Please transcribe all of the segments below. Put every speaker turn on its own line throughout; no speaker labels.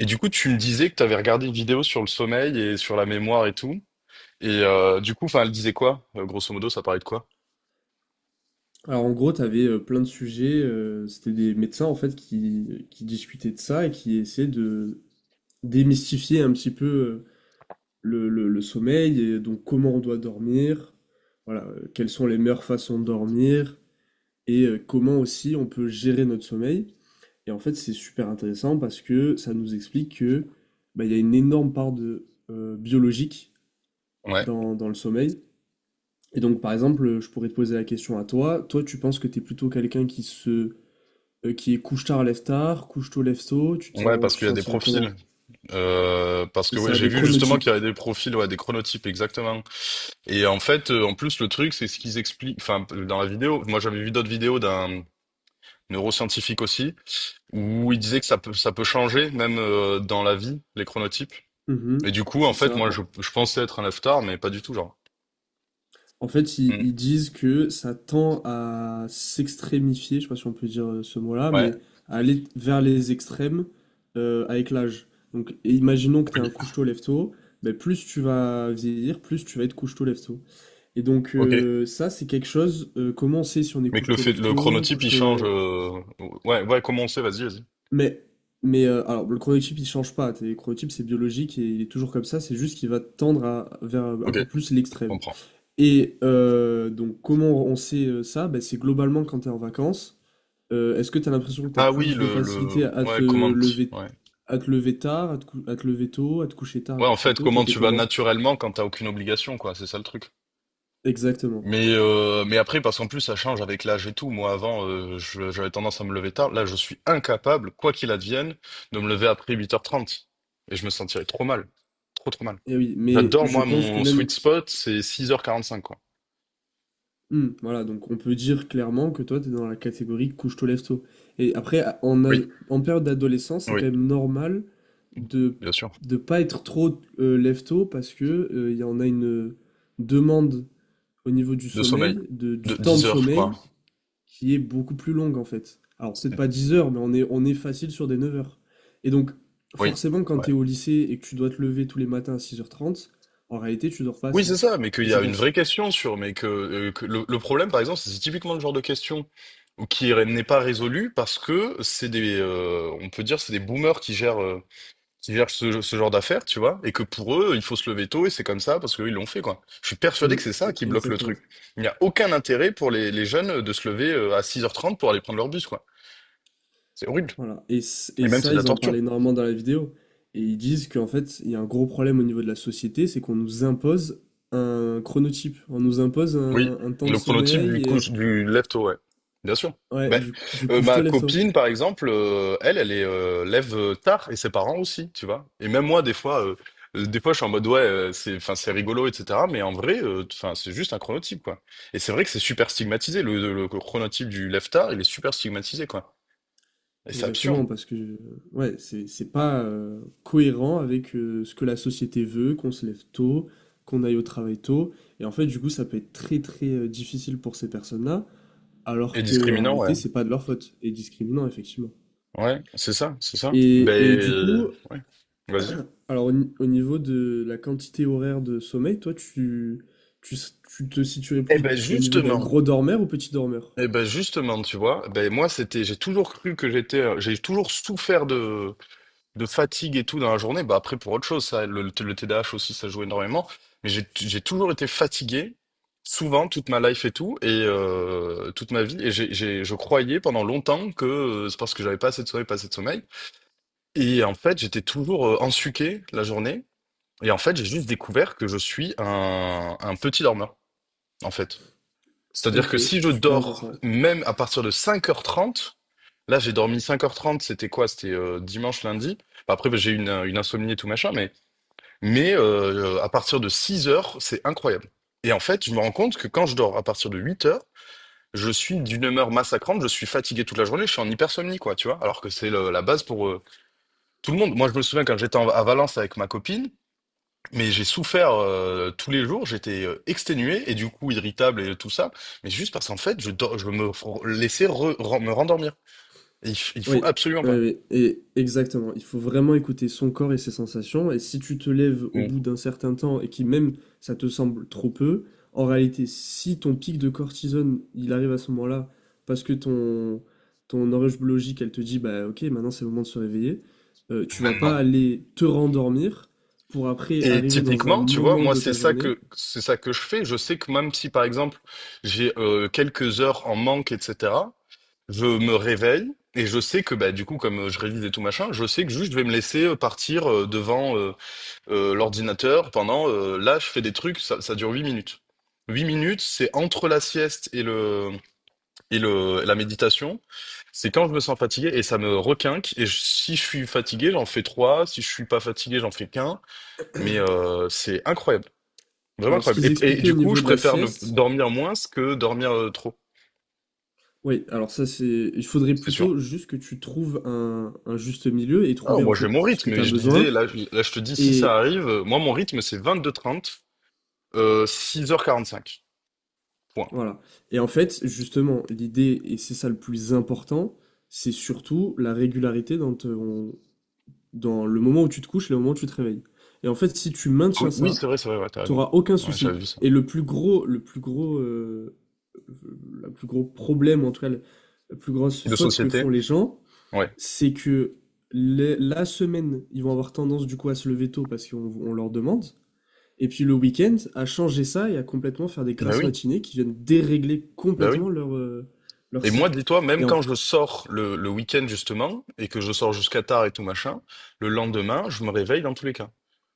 Et du coup, tu me disais que tu avais regardé une vidéo sur le sommeil et sur la mémoire et tout. Et du coup, enfin, elle disait quoi? Grosso modo, ça parlait de quoi?
Alors en gros, tu avais plein de sujets, c'était des médecins en fait qui discutaient de ça et qui essayaient de démystifier un petit peu le sommeil et donc comment on doit dormir, voilà, quelles sont les meilleures façons de dormir et comment aussi on peut gérer notre sommeil. Et en fait, c'est super intéressant parce que ça nous explique que bah, il y a une énorme part de biologique
Ouais.
dans le sommeil. Et donc par exemple, je pourrais te poser la question à toi, toi tu penses que tu es plutôt quelqu'un qui se qui est couche-tard, lève-tard, couche-tôt, lève-tôt,
Ouais, parce
tu
qu'il
te
y a des
sentirais
profils.
comment?
Parce
C'est
que ouais,
ça,
j'ai
des
vu justement
chronotypes.
qu'il y avait des profils, ouais, des chronotypes, exactement. Et en fait, en plus, le truc, c'est ce qu'ils expliquent. Enfin, dans la vidéo, moi j'avais vu d'autres vidéos d'un neuroscientifique aussi, où il disait que ça peut changer, même dans la vie, les chronotypes.
Mhm,
Et du coup, en
c'est
fait,
ça.
moi,
En,
je pensais être un leftar, mais pas du tout, genre.
en fait, ils,
Mm.
ils disent que ça tend à s'extrémifier, je sais pas si on peut dire ce mot-là,
Ouais.
mais à aller vers les extrêmes avec l'âge. Donc, et imaginons que tu es un
Oui.
couche-tôt, lève-tôt, mais plus tu vas vieillir, plus tu vas être couche-tôt, lève-tôt. Et donc,
Ok.
ça, c'est quelque chose, comment on sait si on est
Mais que le
couche-tôt,
fait, le
lève-tôt,
chronotype, il
couche-tôt.
change. Ouais, ouais, comment on sait? Vas-y, vas-y.
Mais, mais alors, le chronotype, il change pas. Le chronotype, c'est biologique et il est toujours comme ça. C'est juste qu'il va tendre vers un
Ok,
peu plus
je
l'extrême.
comprends.
Et donc, comment on sait ça? Ben, c'est globalement quand t'es en vacances. Est-ce que t'as l'impression que t'as
Ah oui,
plus de facilité
ouais, comment, ouais.
à te lever tard, à te lever tôt, à te coucher tard, à
Ouais, en
coucher
fait,
tôt? Toi,
comment
t'es
tu vas
comment?
naturellement quand t'as aucune obligation, quoi. C'est ça le truc.
Exactement.
Mais après, parce qu'en plus, ça change avec l'âge et tout. Moi, avant, j'avais tendance à me lever tard. Là, je suis incapable, quoi qu'il advienne, de me lever après 8h30. Et je me sentirais trop mal. Trop, trop mal.
Et oui, mais
J'adore,
je
moi,
pense que
mon sweet
même.
spot, c'est 6h45 quoi.
Mmh, voilà, donc on peut dire clairement que toi, tu es dans la catégorie couche-tôt, lève-tôt. Et après,
Oui,
en période d'adolescence, c'est
oui,
quand même normal de
bien sûr.
pas être trop lève-tôt parce que il y en a une demande au niveau du
De sommeil.
sommeil,
De
du temps de
10 heures, je crois.
sommeil, qui est beaucoup plus longue en fait. Alors peut-être pas
C'est-
10 heures, mais on est facile sur des 9 heures. Et donc,
Oui,
forcément, quand
ouais.
tu es au lycée et que tu dois te lever tous les matins à 6h30, en réalité, tu dors pas
Oui,
assez.
c'est ça, mais qu'il
Et
y
c'est
a une
pour ça.
vraie question sur, mais que le problème, par exemple, c'est typiquement le genre de question n'est pas résolue parce que c'est des, on peut dire, c'est des boomers qui gèrent, ce genre d'affaires, tu vois, et que pour eux, il faut se lever tôt et c'est comme ça parce qu'eux, ils l'ont fait, quoi. Je suis persuadé que
Mm,
c'est ça qui bloque le truc.
Exactement.
Il n'y a aucun intérêt pour les jeunes de se lever à 6h30 pour aller prendre leur bus, quoi. C'est horrible.
Voilà. Et, c-
Et
et
même, c'est
ça,
de la
ils en parlent
torture.
énormément dans la vidéo. Et ils disent qu'en fait, il y a un gros problème au niveau de la société, c'est qu'on nous impose un chronotype. On nous impose
Oui,
un temps de
le chronotype du
sommeil. Et...
couche du lève-tôt, ouais. Bien sûr.
Ouais,
Mais,
du
ma
couche-toi, lève-toi.
copine, par exemple, elle est lève tard et ses parents aussi, tu vois. Et même moi, je suis en mode ouais, enfin, c'est rigolo, etc. Mais en vrai, enfin, c'est juste un chronotype, quoi. Et c'est vrai que c'est super stigmatisé. Le chronotype du lève tard, il est super stigmatisé, quoi. Et c'est absurde.
Exactement, parce que ouais, c'est pas cohérent avec ce que la société veut, qu'on se lève tôt, qu'on aille au travail tôt. Et en fait, du coup, ça peut être très très difficile pour ces personnes-là, alors
Et
que en
discriminant, ouais.
réalité, c'est pas de leur faute. Et discriminant, effectivement.
Ouais, c'est ça, c'est ça. Ben,
Et, et du coup,
ouais. Vas-y.
Alors, au, ni- au niveau de la quantité horaire de sommeil, toi, tu te situerais
Eh
plus
ben,
au niveau d'un
justement.
gros dormeur ou petit dormeur?
Eh ben justement, tu vois, ben moi c'était, j'ai toujours cru que j'étais, j'ai toujours souffert de fatigue et tout dans la journée. Bah après pour autre chose, ça, le TDAH aussi ça joue énormément, mais j'ai toujours été fatigué, souvent toute ma life et tout et toute ma vie. Et je croyais pendant longtemps que c'est parce que j'avais pas assez de sommeil, pas assez de sommeil. Et en fait j'étais toujours ensuqué la journée. Et en fait j'ai juste découvert que je suis un petit dormeur en fait. C'est-à-dire que
Ok,
si je
super
dors
intéressant.
même à partir de 5h30, là j'ai dormi 5h30, c'était quoi? C'était dimanche, lundi. Bah, après, bah, j'ai eu une insomnie et tout machin, mais, à partir de 6 heures c'est incroyable. Et en fait, je me rends compte que quand je dors à partir de 8 heures, je suis d'une humeur massacrante, je suis fatigué toute la journée, je suis en hypersomnie, quoi, tu vois, alors que c'est la base pour tout le monde. Moi, je me souviens quand j'étais à Valence avec ma copine, mais j'ai souffert tous les jours, j'étais exténué et du coup irritable et tout ça, mais juste parce qu'en fait, je, dor- je me f- laissais me rendormir. Et il faut
Oui,
absolument
oui,
pas.
oui, et exactement. Il faut vraiment écouter son corps et ses sensations. Et si tu te lèves au bout
Ou
d'un certain temps et qui même ça te semble trop peu, en réalité, si ton pic de cortisone, il arrive à ce moment-là, parce que ton horloge biologique, elle te dit, bah ok, maintenant c'est le moment de se réveiller, tu vas pas
maintenant.
aller te rendormir pour après
Et
arriver dans un
typiquement, tu vois,
moment
moi
de
c'est
ta
ça
journée.
que c'est ça que je fais. Je sais que même si par exemple j'ai quelques heures en manque, etc., je me réveille et je sais que bah du coup comme je révise et tout machin, je sais que juste je vais me laisser partir devant l'ordinateur pendant là je fais des trucs ça dure 8 minutes. 8 minutes, c'est entre la sieste et le la méditation. C'est quand je me sens fatigué et ça me requinque et si je suis fatigué, j'en fais 3 si je suis pas fatigué, j'en fais qu'un mais c'est incroyable. Vraiment
Alors, ce
incroyable.
qu'ils
Et
expliquaient au
du coup,
niveau
je
de la
préfère ne
sieste.
dormir moins que dormir trop,
Oui, alors ça c'est, il faudrait
c'est sûr.
plutôt juste que tu trouves un juste milieu et
Ah,
trouver en
moi j'ai mon
fait ce que
rythme,
tu
mais
as
je
besoin
disais, là, là je te dis si ça
et
arrive, moi mon rythme c'est vingt-deux h 30, 6h45 point.
voilà. Et en fait, justement, l'idée et c'est ça le plus important, c'est surtout la régularité dans dans le moment où tu te couches et le moment où tu te réveilles. Et en fait, si tu
Oui,
maintiens
oui,
ça,
c'est vrai, ouais, tu
tu
raison.
n'auras aucun
Ouais,
souci.
j'avais vu ça.
Et le plus gros, le plus gros, le plus gros problème, en tout cas, la plus grosse
De
faute que
société?
font les gens,
Ouais.
c'est que la semaine, ils vont avoir tendance du coup à se lever tôt parce qu'on on leur demande. Et puis le week-end, à changer ça et à complètement faire des
Bah
grasses
oui,
matinées qui viennent dérégler
bah oui.
complètement leur
Et moi,
cycle.
dis-toi,
Et
même
en,
quand je sors le week-end, justement, et que je sors jusqu'à tard et tout machin, le lendemain, je me réveille dans tous les cas.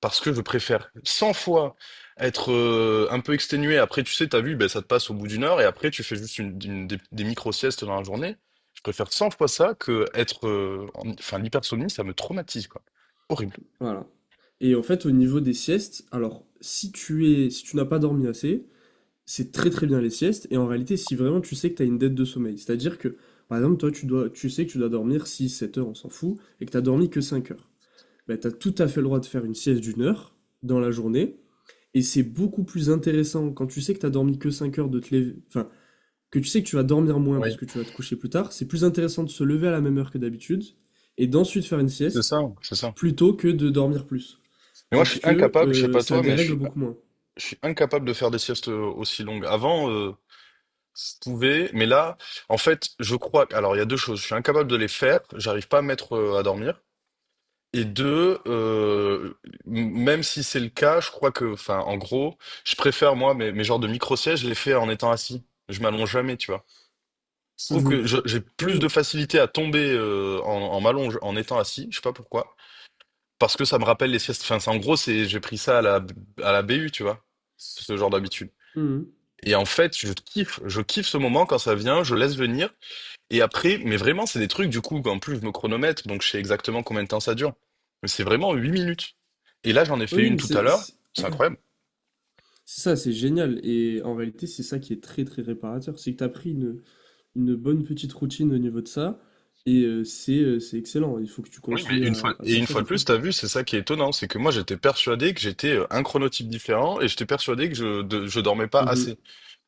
Parce que je préfère 100 fois être un peu exténué. Après, tu sais, t'as vu, ben, ça te passe au bout d'une heure, et après, tu fais juste des micro-siestes dans la journée. Je préfère 100 fois ça que être enfin, l'hypersomnie, ça me traumatise, quoi. Horrible.
voilà. Et en fait, au niveau des siestes, alors si tu es, si tu n'as pas dormi assez, c'est très très bien les siestes. Et en réalité, si vraiment tu sais que tu as une dette de sommeil, c'est-à-dire que par exemple, toi, tu dois, tu sais que tu dois dormir 6-7 heures, on s'en fout, et que tu as dormi que 5 heures. Bah, tu as tout à fait le droit de faire une sieste d'1 heure dans la journée. Et c'est beaucoup plus intéressant quand tu sais que t'as dormi que 5 heures de te lever, enfin, que tu sais que tu vas dormir moins parce
Oui,
que tu vas te coucher plus tard, c'est plus intéressant de se lever à la même heure que d'habitude et d'ensuite faire une
c'est
sieste
ça, c'est ça.
plutôt que de dormir plus.
Mais moi, je
Parce
suis
que
incapable, je sais pas
ça
toi,
dérègle beaucoup moins.
Je suis incapable de faire des siestes aussi longues. Avant, je pouvais, mais là, en fait, je crois que. Alors, il y a deux choses. Je suis incapable de les faire, j'arrive pas à me mettre à dormir. Et deux, même si c'est le cas, je crois que, enfin, en gros, je préfère, moi, mes genres de micro-sièges, je les fais en étant assis. Je m'allonge jamais, tu vois. Je trouve que
Mhm.
j'ai plus
Oui.
de facilité à tomber en, m'allonge en étant assis, je sais pas pourquoi. Parce que ça me rappelle les siestes. Enfin, en gros, j'ai pris ça à la BU, tu vois, ce genre d'habitude.
Mhm.
Et en fait, je kiffe ce moment quand ça vient, je laisse venir. Et après, mais vraiment, c'est des trucs du coup, en plus, je me chronomètre, donc je sais exactement combien de temps ça dure. Mais c'est vraiment 8 minutes. Et là, j'en ai fait
Oui,
une
mais
tout à
c'est
l'heure,
c'est-
c'est incroyable.
c'est ça, c'est génial. Et en réalité, c'est ça qui est très très réparateur. C'est que tu as pris une bonne petite routine au niveau de ça. Et c'est excellent. Il faut que tu
Oui, mais
continues
une fois,
à
et
faire
une
ça,
fois
c'est
de
très
plus,
bien.
t'as vu, c'est ça qui est étonnant, c'est que moi, j'étais persuadé que j'étais un chronotype différent et j'étais persuadé que je dormais pas
Mhm.
assez.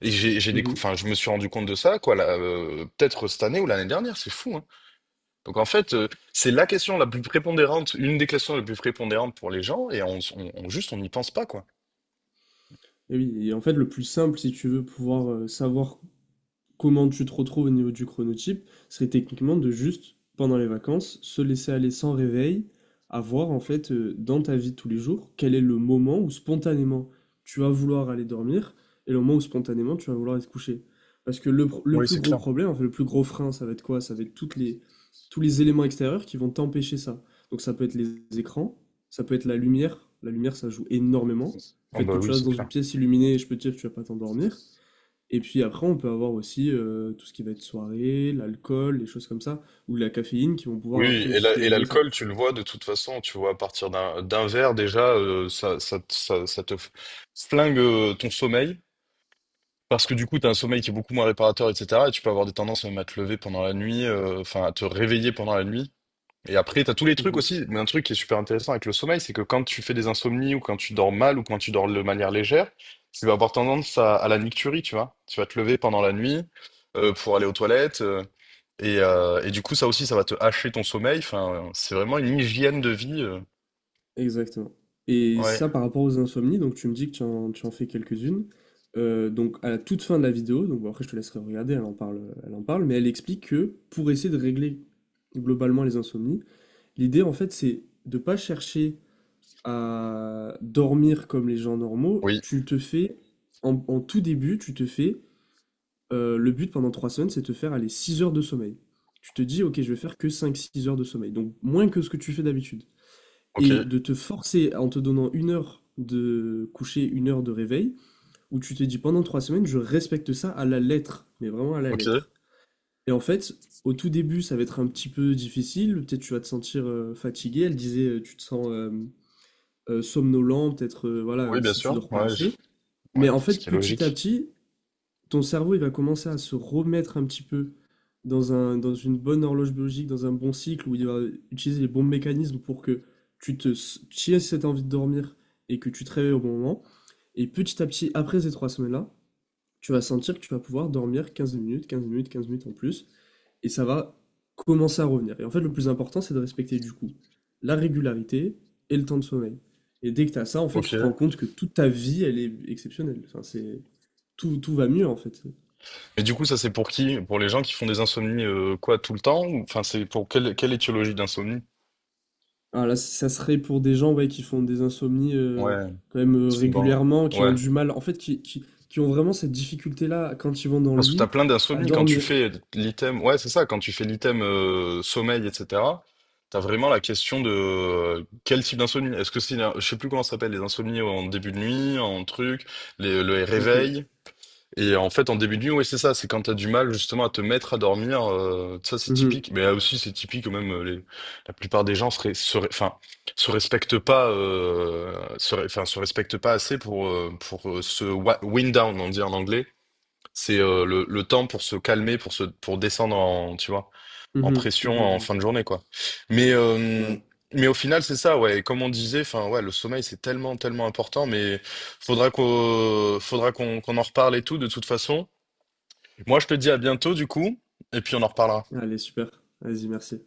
Mhm.
Enfin, je me suis rendu compte de ça, quoi, là, peut-être cette année ou l'année dernière, c'est fou, hein. Donc en fait, c'est la question la plus prépondérante, une des questions les plus prépondérantes pour les gens, et juste on n'y pense pas, quoi.
Et oui, en fait, le plus simple, si tu veux pouvoir savoir comment tu te retrouves au niveau du chronotype, serait techniquement de juste, pendant les vacances, se laisser aller sans réveil, à voir en fait dans ta vie de tous les jours quel est le moment où spontanément tu vas vouloir aller dormir et le moment où spontanément tu vas vouloir aller te coucher. Parce que le
Oui,
plus
c'est
gros
clair.
problème, en fait, le plus gros frein, ça va être quoi? Ça va être tous les éléments extérieurs qui vont t'empêcher ça. Donc ça peut être les écrans, ça peut être la lumière. La lumière, ça joue énormément. Le
Oh
fait
bah
que tu
oui,
restes
c'est
dans une
clair.
pièce illuminée, je peux te dire que tu vas pas t'endormir. Et puis après, on peut avoir aussi tout ce qui va être soirée, l'alcool, les choses comme ça, ou la caféine qui vont
Oui,
pouvoir après
et
aussi
et
dérégler ça.
l'alcool, tu le vois de toute façon, tu vois, à partir d'un verre déjà, ça te flingue ton sommeil, parce que du coup, tu as un sommeil qui est beaucoup moins réparateur, etc. Et tu peux avoir des tendances même à te lever pendant la nuit, enfin à te réveiller pendant la nuit. Et après, t'as tous les trucs
Mhm.
aussi. Mais un truc qui est super intéressant avec le sommeil, c'est que quand tu fais des insomnies ou quand tu dors mal ou quand tu dors de manière légère, tu vas avoir tendance à la nicturie, tu vois. Tu vas te lever pendant la nuit pour aller aux toilettes. Et du coup, ça aussi, ça va te hacher ton sommeil. Enfin, c'est vraiment une hygiène de vie.
Exactement. Et
Ouais.
ça, par rapport aux insomnies, donc tu me dis que tu en fais quelques-unes. Donc à la toute fin de la vidéo, donc bon, après je te laisserai regarder, elle en parle, mais elle explique que pour essayer de régler globalement les insomnies, l'idée en fait c'est de pas chercher à dormir comme les gens normaux.
Oui.
Tu te fais en, en tout début, tu te fais Le but pendant 3 semaines, c'est de te faire aller 6 heures de sommeil. Tu te dis, ok, je vais faire que 5, 6 heures de sommeil, donc moins que ce que tu fais d'habitude.
Ok.
Et de te forcer en te donnant une heure de coucher, une heure de réveil, où tu te dis pendant 3 semaines, je respecte ça à la lettre, mais vraiment à la
Ok.
lettre. Et en fait, au tout début, ça va être un petit peu difficile, peut-être tu vas te sentir fatigué, elle disait, tu te sens somnolent, peut-être voilà,
Oui, bien
si tu
sûr.
dors pas
Ouais.
assez. Mais
Ouais.
en
Ce
fait,
qui est
petit à
logique.
petit, ton cerveau, il va commencer à se remettre un petit peu dans un, dans une bonne horloge biologique, dans un bon cycle, où il va utiliser les bons mécanismes pour que tu aies cette envie de dormir et que tu te réveilles au bon moment. Et petit à petit, après ces 3 semaines-là, tu vas sentir que tu vas pouvoir dormir 15 minutes, 15 minutes, 15 minutes en plus, et ça va commencer à revenir. Et en fait, le plus important, c'est de respecter du coup la régularité et le temps de sommeil. Et dès que tu as ça, en fait,
Ok.
tu te rends compte que toute ta vie, elle est exceptionnelle. Enfin, c'est tout, tout va mieux en fait.
Et du coup, ça, c'est pour qui? Pour les gens qui font des insomnies, quoi, tout le temps? Ou, enfin, c'est pour quelle, étiologie d'insomnie?
Alors là, ça serait pour des gens ouais, qui font des insomnies
Ouais,
quand même
souvent,
régulièrement, qui ont
ouais.
du mal, en fait, qui ont vraiment cette difficulté-là quand ils vont dans le
Parce que
lit
t'as plein
à
d'insomnie quand tu
dormir.
fais l'item, ouais, c'est ça, quand tu fais l'item sommeil, etc., t'as vraiment la question de quel type d'insomnie. Est-ce que c'est, je sais plus comment ça s'appelle, les insomnies en début de nuit, en truc, le
Ok.
réveil. Et en fait, en début de nuit, oui, c'est ça, c'est quand t'as du mal justement à te mettre à dormir, ça c'est
Mhm.
typique. Mais là aussi, c'est typique, même la plupart des gens enfin, se respectent pas, enfin, se respectent pas assez pour wind down, on dit en anglais. C'est le temps pour se calmer, pour descendre en, tu vois, en
Mhm. Mhm.
pression en
Mhm.
fin de journée, quoi. Mais, euh,
Voilà.
mais au final, c'est ça, ouais. Et comme on disait, enfin, ouais, le sommeil, c'est tellement, tellement important, mais faudra qu'on en reparle et tout, de toute façon. Moi, je te dis à bientôt, du coup, et puis on en reparlera.
Allez, super. Vas-y, merci.